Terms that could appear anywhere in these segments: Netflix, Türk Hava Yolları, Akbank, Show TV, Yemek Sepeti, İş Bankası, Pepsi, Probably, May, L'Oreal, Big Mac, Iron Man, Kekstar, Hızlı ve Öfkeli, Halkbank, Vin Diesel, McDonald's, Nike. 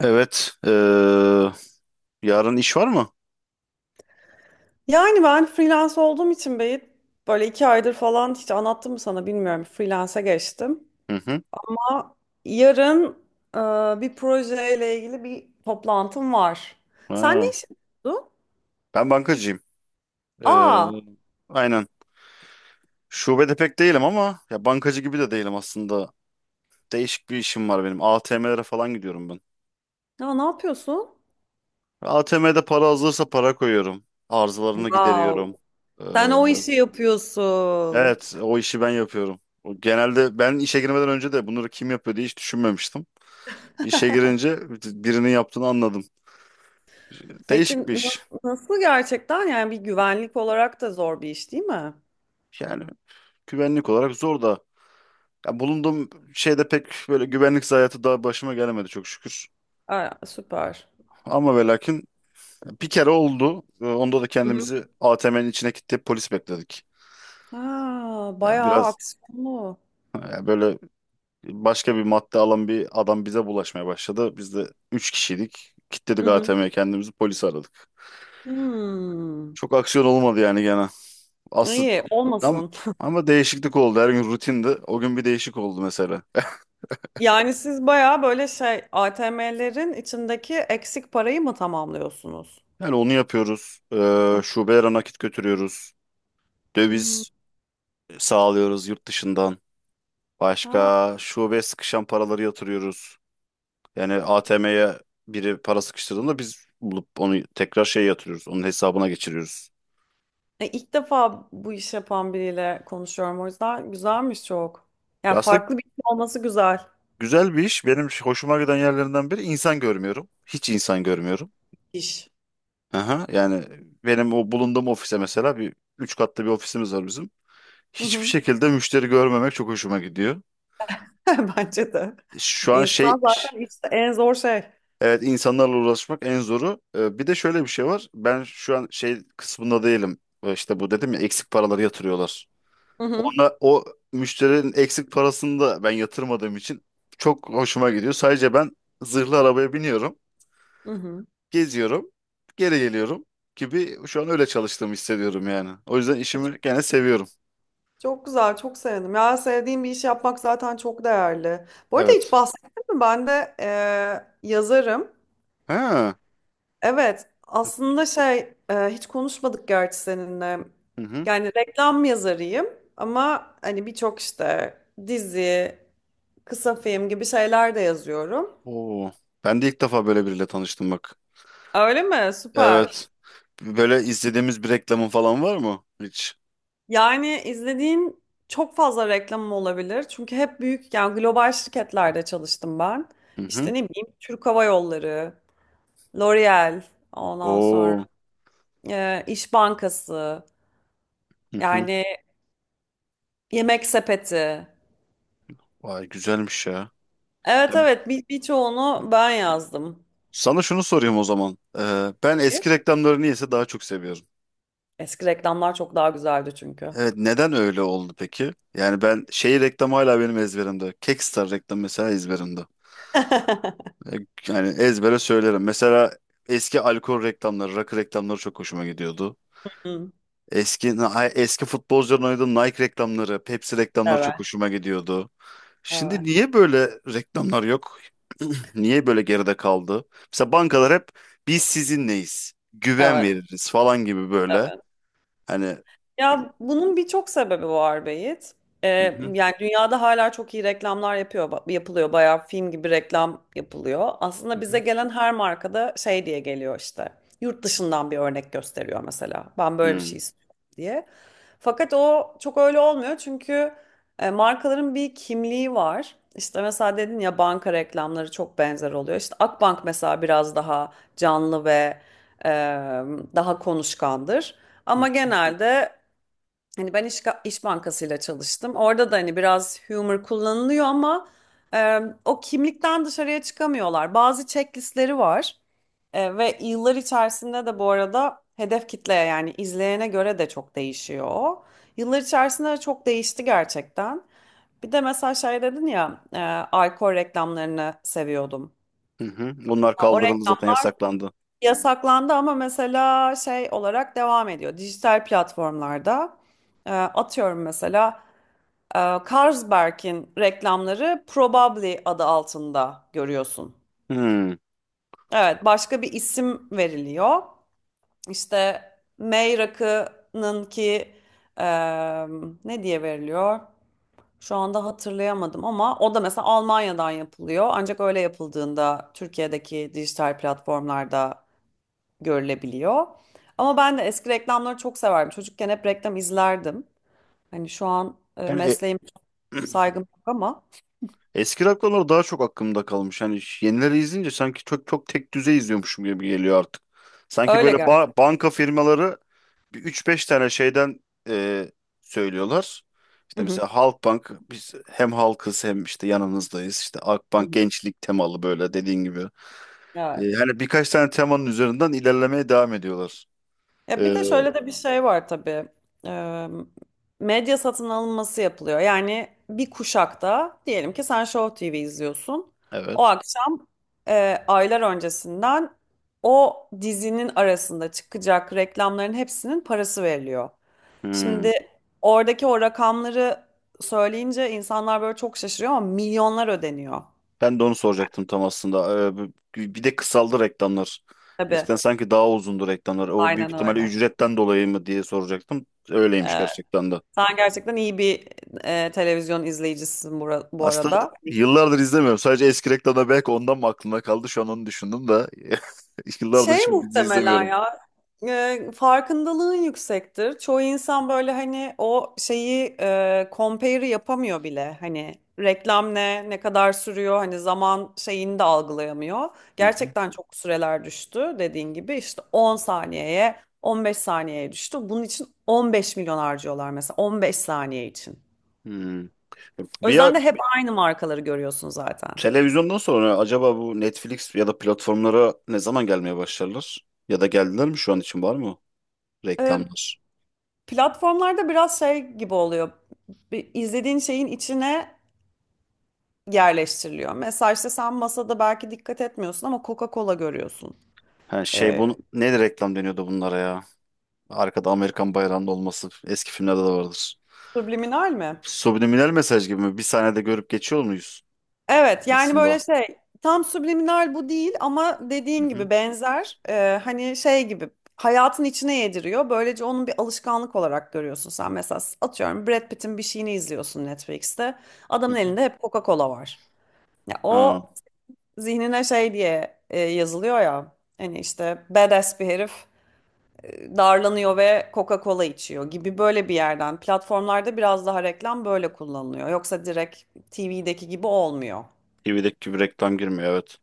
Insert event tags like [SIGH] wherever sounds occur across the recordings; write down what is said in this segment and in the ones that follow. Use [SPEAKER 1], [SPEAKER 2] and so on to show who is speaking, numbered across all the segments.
[SPEAKER 1] Evet. Yarın iş var mı?
[SPEAKER 2] Yani ben freelance olduğum için Beyit, böyle 2 aydır falan hiç anlattım mı sana bilmiyorum, freelance'e geçtim.
[SPEAKER 1] Hı hı.
[SPEAKER 2] Ama yarın bir projeyle ilgili bir toplantım var. Sen ne
[SPEAKER 1] Ha,
[SPEAKER 2] iş yapıyorsun?
[SPEAKER 1] ben bankacıyım. Eee,
[SPEAKER 2] Aa,
[SPEAKER 1] aynen. Şubede pek değilim ama ya bankacı gibi de değilim aslında. Değişik bir işim var benim. ATM'lere falan gidiyorum ben.
[SPEAKER 2] ya ne yapıyorsun?
[SPEAKER 1] ATM'de para hazırsa para koyuyorum. Arızalarını
[SPEAKER 2] Wow.
[SPEAKER 1] gideriyorum. Eee,
[SPEAKER 2] Sen o işi yapıyorsun.
[SPEAKER 1] evet, o işi ben yapıyorum. O, genelde ben işe girmeden önce de bunları kim yapıyor diye hiç düşünmemiştim. İşe girince birinin yaptığını anladım.
[SPEAKER 2] Peki
[SPEAKER 1] Değişik bir iş.
[SPEAKER 2] nasıl gerçekten, yani bir güvenlik olarak da zor bir iş değil mi?
[SPEAKER 1] Yani güvenlik olarak zor da. Ya, bulunduğum şeyde pek böyle güvenlik zayiatı daha başıma gelemedi çok şükür.
[SPEAKER 2] Aa, süper.
[SPEAKER 1] Ama ve lakin bir kere oldu. Onda da
[SPEAKER 2] Hı hı.
[SPEAKER 1] kendimizi ATM'nin içine kilitleyip polis bekledik.
[SPEAKER 2] Ha,
[SPEAKER 1] Yani
[SPEAKER 2] bayağı
[SPEAKER 1] biraz,
[SPEAKER 2] aksiyonlu.
[SPEAKER 1] yani böyle, başka bir madde alan bir adam bize bulaşmaya başladı. Biz de 3 kişiydik.
[SPEAKER 2] Hı
[SPEAKER 1] Kilitledik
[SPEAKER 2] hı.
[SPEAKER 1] ATM'ye kendimizi, polis aradık.
[SPEAKER 2] Hmm.
[SPEAKER 1] Çok aksiyon olmadı yani gene. Aslında
[SPEAKER 2] İyi
[SPEAKER 1] ama,
[SPEAKER 2] olmasın.
[SPEAKER 1] ama değişiklik oldu. Her gün rutindi. O gün bir değişik oldu mesela.
[SPEAKER 2] [LAUGHS] Yani siz bayağı böyle şey ATM'lerin içindeki eksik parayı mı tamamlıyorsunuz?
[SPEAKER 1] Yani onu yapıyoruz.
[SPEAKER 2] Ah,
[SPEAKER 1] Şubelere nakit götürüyoruz.
[SPEAKER 2] hmm,
[SPEAKER 1] Döviz sağlıyoruz yurt dışından.
[SPEAKER 2] ha.
[SPEAKER 1] Başka şubeye sıkışan paraları yatırıyoruz. Yani ATM'ye biri para sıkıştırdığında biz bulup onu tekrar şey yatırıyoruz. Onun hesabına geçiriyoruz.
[SPEAKER 2] E, ilk defa bu iş yapan biriyle konuşuyorum, o yüzden güzelmiş çok. Ya
[SPEAKER 1] Ya, aslında
[SPEAKER 2] farklı bir iş olması güzel.
[SPEAKER 1] güzel bir iş. Benim hoşuma giden yerlerinden biri insan görmüyorum. Hiç insan görmüyorum.
[SPEAKER 2] İş
[SPEAKER 1] Aha, yani benim o bulunduğum ofise mesela, üç katlı bir ofisimiz var bizim.
[SPEAKER 2] Hı
[SPEAKER 1] Hiçbir
[SPEAKER 2] hı.
[SPEAKER 1] şekilde müşteri görmemek çok hoşuma gidiyor.
[SPEAKER 2] [LAUGHS] Bence de.
[SPEAKER 1] Şu an
[SPEAKER 2] İnsan
[SPEAKER 1] şey.
[SPEAKER 2] zaten işte en zor şey.
[SPEAKER 1] Evet, insanlarla uğraşmak en zoru. Bir de şöyle bir şey var. Ben şu an şey kısmında değilim. İşte bu dedim ya, eksik paraları yatırıyorlar.
[SPEAKER 2] Hı hı.
[SPEAKER 1] Ona o müşterinin eksik parasını da ben yatırmadığım için çok hoşuma gidiyor. Sadece ben zırhlı arabaya biniyorum,
[SPEAKER 2] Hı hı.
[SPEAKER 1] geziyorum, geri geliyorum gibi şu an öyle çalıştığımı hissediyorum yani. O yüzden
[SPEAKER 2] E, çok,
[SPEAKER 1] işimi gene seviyorum.
[SPEAKER 2] çok güzel, çok sevindim. Ya sevdiğim bir iş yapmak zaten çok değerli. Bu arada hiç
[SPEAKER 1] Evet.
[SPEAKER 2] bahsettim mi? Ben de yazarım.
[SPEAKER 1] Ha.
[SPEAKER 2] Evet, aslında şey hiç konuşmadık gerçi seninle.
[SPEAKER 1] Hı hı.
[SPEAKER 2] Yani reklam yazarıyım, ama hani birçok işte dizi, kısa film gibi şeyler de yazıyorum.
[SPEAKER 1] Oo. Ben de ilk defa böyle biriyle tanıştım bak.
[SPEAKER 2] Öyle mi? Süper.
[SPEAKER 1] Evet. Böyle izlediğimiz bir reklamın falan var mı hiç?
[SPEAKER 2] Yani izlediğin çok fazla reklamım olabilir. Çünkü hep büyük, yani global şirketlerde çalıştım ben.
[SPEAKER 1] Hı
[SPEAKER 2] İşte
[SPEAKER 1] hı.
[SPEAKER 2] ne bileyim Türk Hava Yolları, L'Oreal, ondan sonra
[SPEAKER 1] Oo.
[SPEAKER 2] İş Bankası,
[SPEAKER 1] Hı hı.
[SPEAKER 2] yani Yemek Sepeti.
[SPEAKER 1] Vay, güzelmiş ya.
[SPEAKER 2] Evet,
[SPEAKER 1] Ya,
[SPEAKER 2] evet, birçoğunu ben yazdım.
[SPEAKER 1] sana şunu sorayım o zaman. Ben eski reklamları niyeyse daha çok seviyorum.
[SPEAKER 2] Eski reklamlar çok daha güzeldi çünkü.
[SPEAKER 1] Evet, neden öyle oldu peki? Yani ben şey reklamı hala benim ezberimde. Kekstar reklam mesela ezberimde.
[SPEAKER 2] [LAUGHS]
[SPEAKER 1] Ee, Yani ezbere söylerim. Mesela eski alkol reklamları, rakı reklamları çok hoşuma gidiyordu.
[SPEAKER 2] Hı,
[SPEAKER 1] Eski eski futbolcuların oynadığı Nike reklamları, Pepsi reklamları
[SPEAKER 2] evet,
[SPEAKER 1] çok hoşuma gidiyordu. Şimdi
[SPEAKER 2] evet,
[SPEAKER 1] niye böyle reklamlar yok? [CLEARS THROAT] Niye böyle geride kaldı? Mesela bankalar hep biz sizinleyiz, güven
[SPEAKER 2] evet,
[SPEAKER 1] veririz falan gibi böyle.
[SPEAKER 2] evet.
[SPEAKER 1] Hani,
[SPEAKER 2] Ya bunun birçok sebebi var Beyit. Ee,
[SPEAKER 1] hı hı,
[SPEAKER 2] yani dünyada hala çok iyi reklamlar yapıyor, yapılıyor. Bayağı film gibi reklam yapılıyor.
[SPEAKER 1] hı
[SPEAKER 2] Aslında bize
[SPEAKER 1] hı,
[SPEAKER 2] gelen her markada şey diye geliyor işte. Yurt dışından bir örnek gösteriyor mesela. Ben böyle bir şey
[SPEAKER 1] hı
[SPEAKER 2] istiyorum diye. Fakat o çok öyle olmuyor çünkü markaların bir kimliği var. İşte mesela dedin ya, banka reklamları çok benzer oluyor. İşte Akbank mesela biraz daha canlı ve e, daha konuşkandır.
[SPEAKER 1] hı,
[SPEAKER 2] Ama genelde, hani ben iş, iş Bankasıyla çalıştım. Orada da hani biraz humor kullanılıyor ama o kimlikten dışarıya çıkamıyorlar. Bazı checklistleri var. Ve yıllar içerisinde de, bu arada, hedef kitleye, yani izleyene göre de çok değişiyor. O. Yıllar içerisinde de çok değişti gerçekten. Bir de mesela şey dedin ya, alkol reklamlarını seviyordum.
[SPEAKER 1] hı. Bunlar
[SPEAKER 2] O
[SPEAKER 1] kaldırıldı
[SPEAKER 2] reklam
[SPEAKER 1] zaten yasaklandı.
[SPEAKER 2] yasaklandı ama mesela şey olarak devam ediyor. Dijital platformlarda atıyorum mesela e, Carlsberg'in reklamları Probably adı altında görüyorsun.
[SPEAKER 1] Hı.
[SPEAKER 2] Evet, başka bir isim veriliyor. İşte May rakının ki e, ne diye veriliyor? Şu anda hatırlayamadım ama o da mesela Almanya'dan yapılıyor. Ancak öyle yapıldığında Türkiye'deki dijital platformlarda görülebiliyor. Ama ben de eski reklamları çok severdim. Çocukken hep reklam izlerdim. Hani şu an
[SPEAKER 1] Yani
[SPEAKER 2] mesleğim, saygım yok ama
[SPEAKER 1] eski rock konuları daha çok aklımda kalmış. Hani yenileri izleyince sanki çok çok tek düze izliyormuşum gibi geliyor artık. Sanki
[SPEAKER 2] öyle
[SPEAKER 1] böyle
[SPEAKER 2] gerçekten.
[SPEAKER 1] banka firmaları bir 3-5 tane şeyden e, söylüyorlar. İşte mesela Halkbank biz hem halkız hem işte yanınızdayız. İşte
[SPEAKER 2] Hı
[SPEAKER 1] Akbank
[SPEAKER 2] hı.
[SPEAKER 1] gençlik temalı böyle dediğin gibi.
[SPEAKER 2] Evet.
[SPEAKER 1] Hani birkaç tane temanın üzerinden ilerlemeye devam ediyorlar. E,
[SPEAKER 2] Ya bir de şöyle de bir şey var tabii. Ee, Medya satın alınması yapılıyor. Yani bir kuşakta diyelim ki sen Show TV izliyorsun. O
[SPEAKER 1] evet.
[SPEAKER 2] akşam aylar öncesinden, o dizinin arasında çıkacak reklamların hepsinin parası veriliyor.
[SPEAKER 1] Hmm.
[SPEAKER 2] Şimdi oradaki o rakamları söyleyince insanlar böyle çok şaşırıyor, ama milyonlar ödeniyor.
[SPEAKER 1] Ben de onu soracaktım tam aslında. Bir de kısaldı reklamlar.
[SPEAKER 2] Tabii.
[SPEAKER 1] Eskiden sanki daha uzundu reklamlar. O büyük
[SPEAKER 2] Aynen
[SPEAKER 1] ihtimalle
[SPEAKER 2] öyle.
[SPEAKER 1] ücretten dolayı mı diye soracaktım. Öyleymiş gerçekten de.
[SPEAKER 2] Sen gerçekten iyi bir televizyon izleyicisisin, bu
[SPEAKER 1] Aslında
[SPEAKER 2] arada.
[SPEAKER 1] yıllardır izlemiyorum. Sadece eski reklamda belki ondan mı aklımda kaldı. Şu an onu düşündüm de. [LAUGHS] Yıllardır
[SPEAKER 2] Şey,
[SPEAKER 1] hiçbir dizi
[SPEAKER 2] muhtemelen
[SPEAKER 1] izlemiyorum.
[SPEAKER 2] ya farkındalığın yüksektir. Çoğu insan böyle, hani o şeyi compare'ı yapamıyor bile. Hani reklam ne kadar sürüyor, hani zaman şeyini de algılayamıyor.
[SPEAKER 1] Hı hı.
[SPEAKER 2] Gerçekten çok süreler düştü, dediğin gibi işte 10 saniyeye, 15 saniyeye düştü. Bunun için 15 milyon harcıyorlar mesela, 15 saniye için.
[SPEAKER 1] Hmm.
[SPEAKER 2] O
[SPEAKER 1] Bir, ya
[SPEAKER 2] yüzden de hep aynı markaları görüyorsun zaten.
[SPEAKER 1] televizyondan sonra acaba bu Netflix ya da platformlara ne zaman gelmeye başlarlar? Ya da geldiler mi şu an için var mı
[SPEAKER 2] Ee,
[SPEAKER 1] reklamlar?
[SPEAKER 2] Platformlarda biraz şey gibi oluyor. Bir izlediğin şeyin içine yerleştiriliyor. Mesela işte sen masada belki dikkat etmiyorsun ama Coca-Cola görüyorsun.
[SPEAKER 1] Ha, şey,
[SPEAKER 2] Ee,
[SPEAKER 1] bunu ne reklam deniyordu bunlara ya? Arkada Amerikan bayrağının olması eski filmlerde de vardır.
[SPEAKER 2] subliminal mi?
[SPEAKER 1] Subliminal mesaj gibi mi? Bir sahnede görüp geçiyor muyuz
[SPEAKER 2] Evet, yani böyle
[SPEAKER 1] aslında?
[SPEAKER 2] şey, tam subliminal bu değil ama
[SPEAKER 1] Hı
[SPEAKER 2] dediğin
[SPEAKER 1] hı,
[SPEAKER 2] gibi benzer. Hani şey gibi hayatın içine yediriyor. Böylece onun bir alışkanlık olarak görüyorsun sen. Mesela atıyorum Brad Pitt'in bir şeyini izliyorsun Netflix'te.
[SPEAKER 1] hı
[SPEAKER 2] Adamın
[SPEAKER 1] hı.
[SPEAKER 2] elinde hep Coca-Cola var. Ya
[SPEAKER 1] Ha,
[SPEAKER 2] o zihnine şey diye yazılıyor ya. Hani işte badass bir herif darlanıyor ve Coca-Cola içiyor gibi, böyle bir yerden. Platformlarda biraz daha reklam böyle kullanılıyor. Yoksa direkt TV'deki gibi olmuyor.
[SPEAKER 1] TV'deki gibi reklam girmiyor, evet.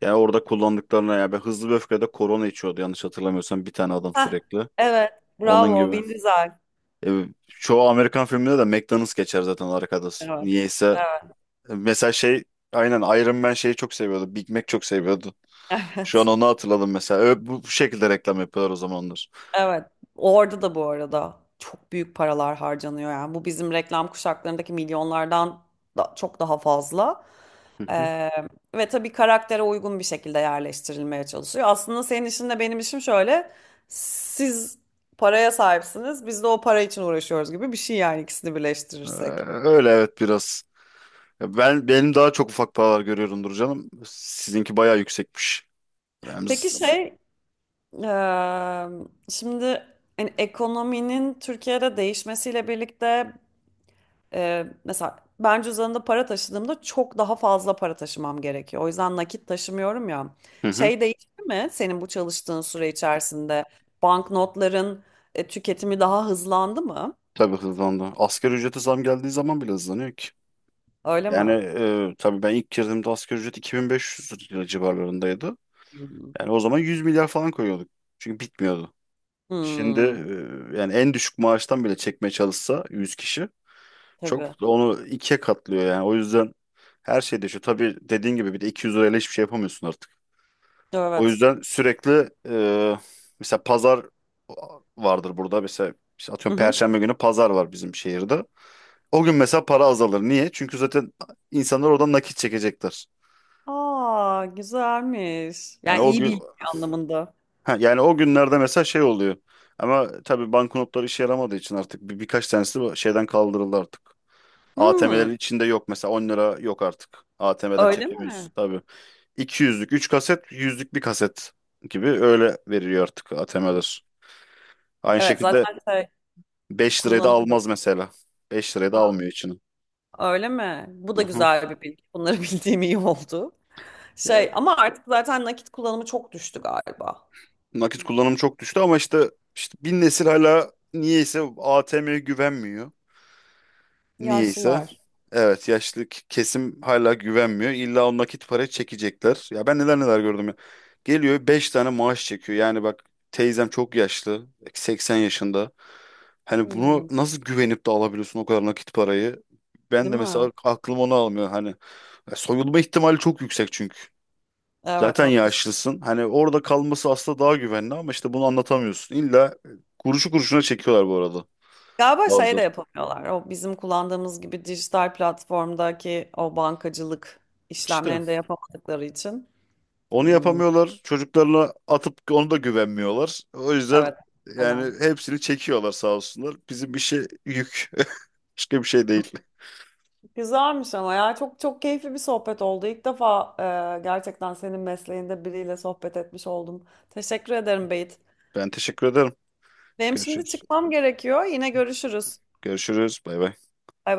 [SPEAKER 1] Yani orada kullandıklarına ya, ben Hızlı ve Öfkede korona içiyordu yanlış hatırlamıyorsam bir tane adam
[SPEAKER 2] Heh,
[SPEAKER 1] sürekli.
[SPEAKER 2] evet.
[SPEAKER 1] Onun
[SPEAKER 2] Bravo.
[SPEAKER 1] gibi.
[SPEAKER 2] Vin Diesel.
[SPEAKER 1] Çoğu Amerikan filminde de McDonald's geçer zaten arkada.
[SPEAKER 2] Evet.
[SPEAKER 1] Niyeyse
[SPEAKER 2] Evet.
[SPEAKER 1] mesela, şey, aynen Iron Man şeyi çok seviyordu. Big Mac çok seviyordu.
[SPEAKER 2] [LAUGHS]
[SPEAKER 1] Şu an
[SPEAKER 2] Evet.
[SPEAKER 1] onu hatırladım mesela. Bu şekilde reklam yapıyorlar o zamanlar.
[SPEAKER 2] Evet. Orada da bu arada çok büyük paralar harcanıyor yani. Bu bizim reklam kuşaklarındaki milyonlardan da çok daha fazla. Ee, ve tabii karaktere uygun bir şekilde yerleştirilmeye çalışıyor. Aslında senin işin de benim işim şöyle. Siz paraya sahipsiniz. Biz de o para için uğraşıyoruz, gibi bir şey yani, ikisini birleştirirsek.
[SPEAKER 1] Öyle, evet, biraz. Ya, benim daha çok ufak paralar görüyorumdur canım. Sizinki bayağı yüksekmiş. Ben
[SPEAKER 2] Peki
[SPEAKER 1] z-
[SPEAKER 2] şey, eee, şimdi hani ekonominin Türkiye'de değişmesiyle birlikte, mesela ben cüzdanımda para taşıdığımda çok daha fazla para taşımam gerekiyor. O yüzden nakit taşımıyorum ya.
[SPEAKER 1] Hı hı,
[SPEAKER 2] Şey değişti mi senin bu çalıştığın süre içerisinde? Banknotların tüketimi daha hızlandı mı?
[SPEAKER 1] tabii hızlandı. Asgari ücrete zam geldiği zaman bile hızlanıyor ki.
[SPEAKER 2] Öyle mi?
[SPEAKER 1] Yani tabii ben ilk girdiğimde asgari ücret 2500 lira civarlarındaydı.
[SPEAKER 2] Hmm.
[SPEAKER 1] Yani o zaman 100 milyar falan koyuyorduk. Çünkü bitmiyordu. Şimdi
[SPEAKER 2] Hmm,
[SPEAKER 1] yani en düşük maaştan bile çekmeye çalışsa 100 kişi çok
[SPEAKER 2] tabii.
[SPEAKER 1] onu ikiye katlıyor yani. O yüzden her şey değişiyor. Tabii dediğin gibi bir de 200 lirayla hiçbir şey yapamıyorsun artık. O
[SPEAKER 2] Evet.
[SPEAKER 1] yüzden sürekli mesela pazar vardır burada. Mesela işte
[SPEAKER 2] Hı
[SPEAKER 1] atıyorum
[SPEAKER 2] hı.
[SPEAKER 1] Perşembe günü pazar var bizim şehirde. O gün mesela para azalır. Niye? Çünkü zaten insanlar oradan nakit çekecektir.
[SPEAKER 2] Aa, güzelmiş.
[SPEAKER 1] Yani
[SPEAKER 2] Yani
[SPEAKER 1] o
[SPEAKER 2] iyi
[SPEAKER 1] gün,
[SPEAKER 2] bilgi anlamında.
[SPEAKER 1] ha, yani o günlerde mesela şey oluyor. Ama tabii banknotlar işe yaramadığı için artık birkaç tanesi bu şeyden kaldırıldı artık.
[SPEAKER 2] Hmm,
[SPEAKER 1] ATM'lerin içinde yok mesela 10 lira yok artık. ATM'den
[SPEAKER 2] öyle
[SPEAKER 1] çekemiyoruz
[SPEAKER 2] mi?
[SPEAKER 1] tabii. 200'lük 3 kaset, 100'lük bir kaset gibi öyle veriliyor artık ATM'ler. Aynı
[SPEAKER 2] Evet,
[SPEAKER 1] şekilde
[SPEAKER 2] zaten şey,
[SPEAKER 1] 5 liraya da
[SPEAKER 2] kullanıldı.
[SPEAKER 1] almaz mesela. 5 liraya da
[SPEAKER 2] Ha,
[SPEAKER 1] almıyor içini.
[SPEAKER 2] öyle mi? Bu da
[SPEAKER 1] Aha.
[SPEAKER 2] güzel bir bilgi. Bunları [LAUGHS] bildiğim iyi oldu.
[SPEAKER 1] Ya,
[SPEAKER 2] Şey ama artık zaten nakit kullanımı çok düştü galiba.
[SPEAKER 1] nakit kullanımı çok düştü ama işte bin nesil hala niyeyse ATM'ye güvenmiyor. Niyeyse.
[SPEAKER 2] Yaşlılar.
[SPEAKER 1] Evet, yaşlı kesim hala güvenmiyor. İlla o nakit para çekecekler. Ya ben neler neler gördüm ya. Geliyor 5 tane maaş çekiyor. Yani bak teyzem çok yaşlı. 80 yaşında. Hani bunu
[SPEAKER 2] Hmm,
[SPEAKER 1] nasıl güvenip de alabiliyorsun o kadar nakit parayı? Ben
[SPEAKER 2] değil
[SPEAKER 1] de
[SPEAKER 2] mi?
[SPEAKER 1] mesela aklım onu almıyor. Hani soyulma ihtimali çok yüksek çünkü.
[SPEAKER 2] Evet,
[SPEAKER 1] Zaten
[SPEAKER 2] haklısın.
[SPEAKER 1] yaşlısın. Hani orada kalması aslında daha güvenli ama işte bunu anlatamıyorsun. İlla kuruşu kuruşuna çekiyorlar bu arada
[SPEAKER 2] Galiba şey de
[SPEAKER 1] bazıları.
[SPEAKER 2] yapamıyorlar. O bizim kullandığımız gibi dijital platformdaki o bankacılık
[SPEAKER 1] İşte
[SPEAKER 2] işlemlerini de yapamadıkları için.
[SPEAKER 1] onu
[SPEAKER 2] Hmm,
[SPEAKER 1] yapamıyorlar. Çocuklarına atıp onu da güvenmiyorlar. O yüzden
[SPEAKER 2] evet. Hala.
[SPEAKER 1] yani hepsini çekiyorlar sağ olsunlar. Bizim işe yük. [LAUGHS] Başka bir şey değil.
[SPEAKER 2] Güzelmiş ama ya, çok çok keyifli bir sohbet oldu. İlk defa gerçekten senin mesleğinde biriyle sohbet etmiş oldum. Teşekkür ederim Beyt.
[SPEAKER 1] Ben teşekkür ederim.
[SPEAKER 2] Benim şimdi
[SPEAKER 1] Görüşürüz.
[SPEAKER 2] çıkmam gerekiyor. Yine görüşürüz.
[SPEAKER 1] Görüşürüz. Bay bay.
[SPEAKER 2] Bay bay.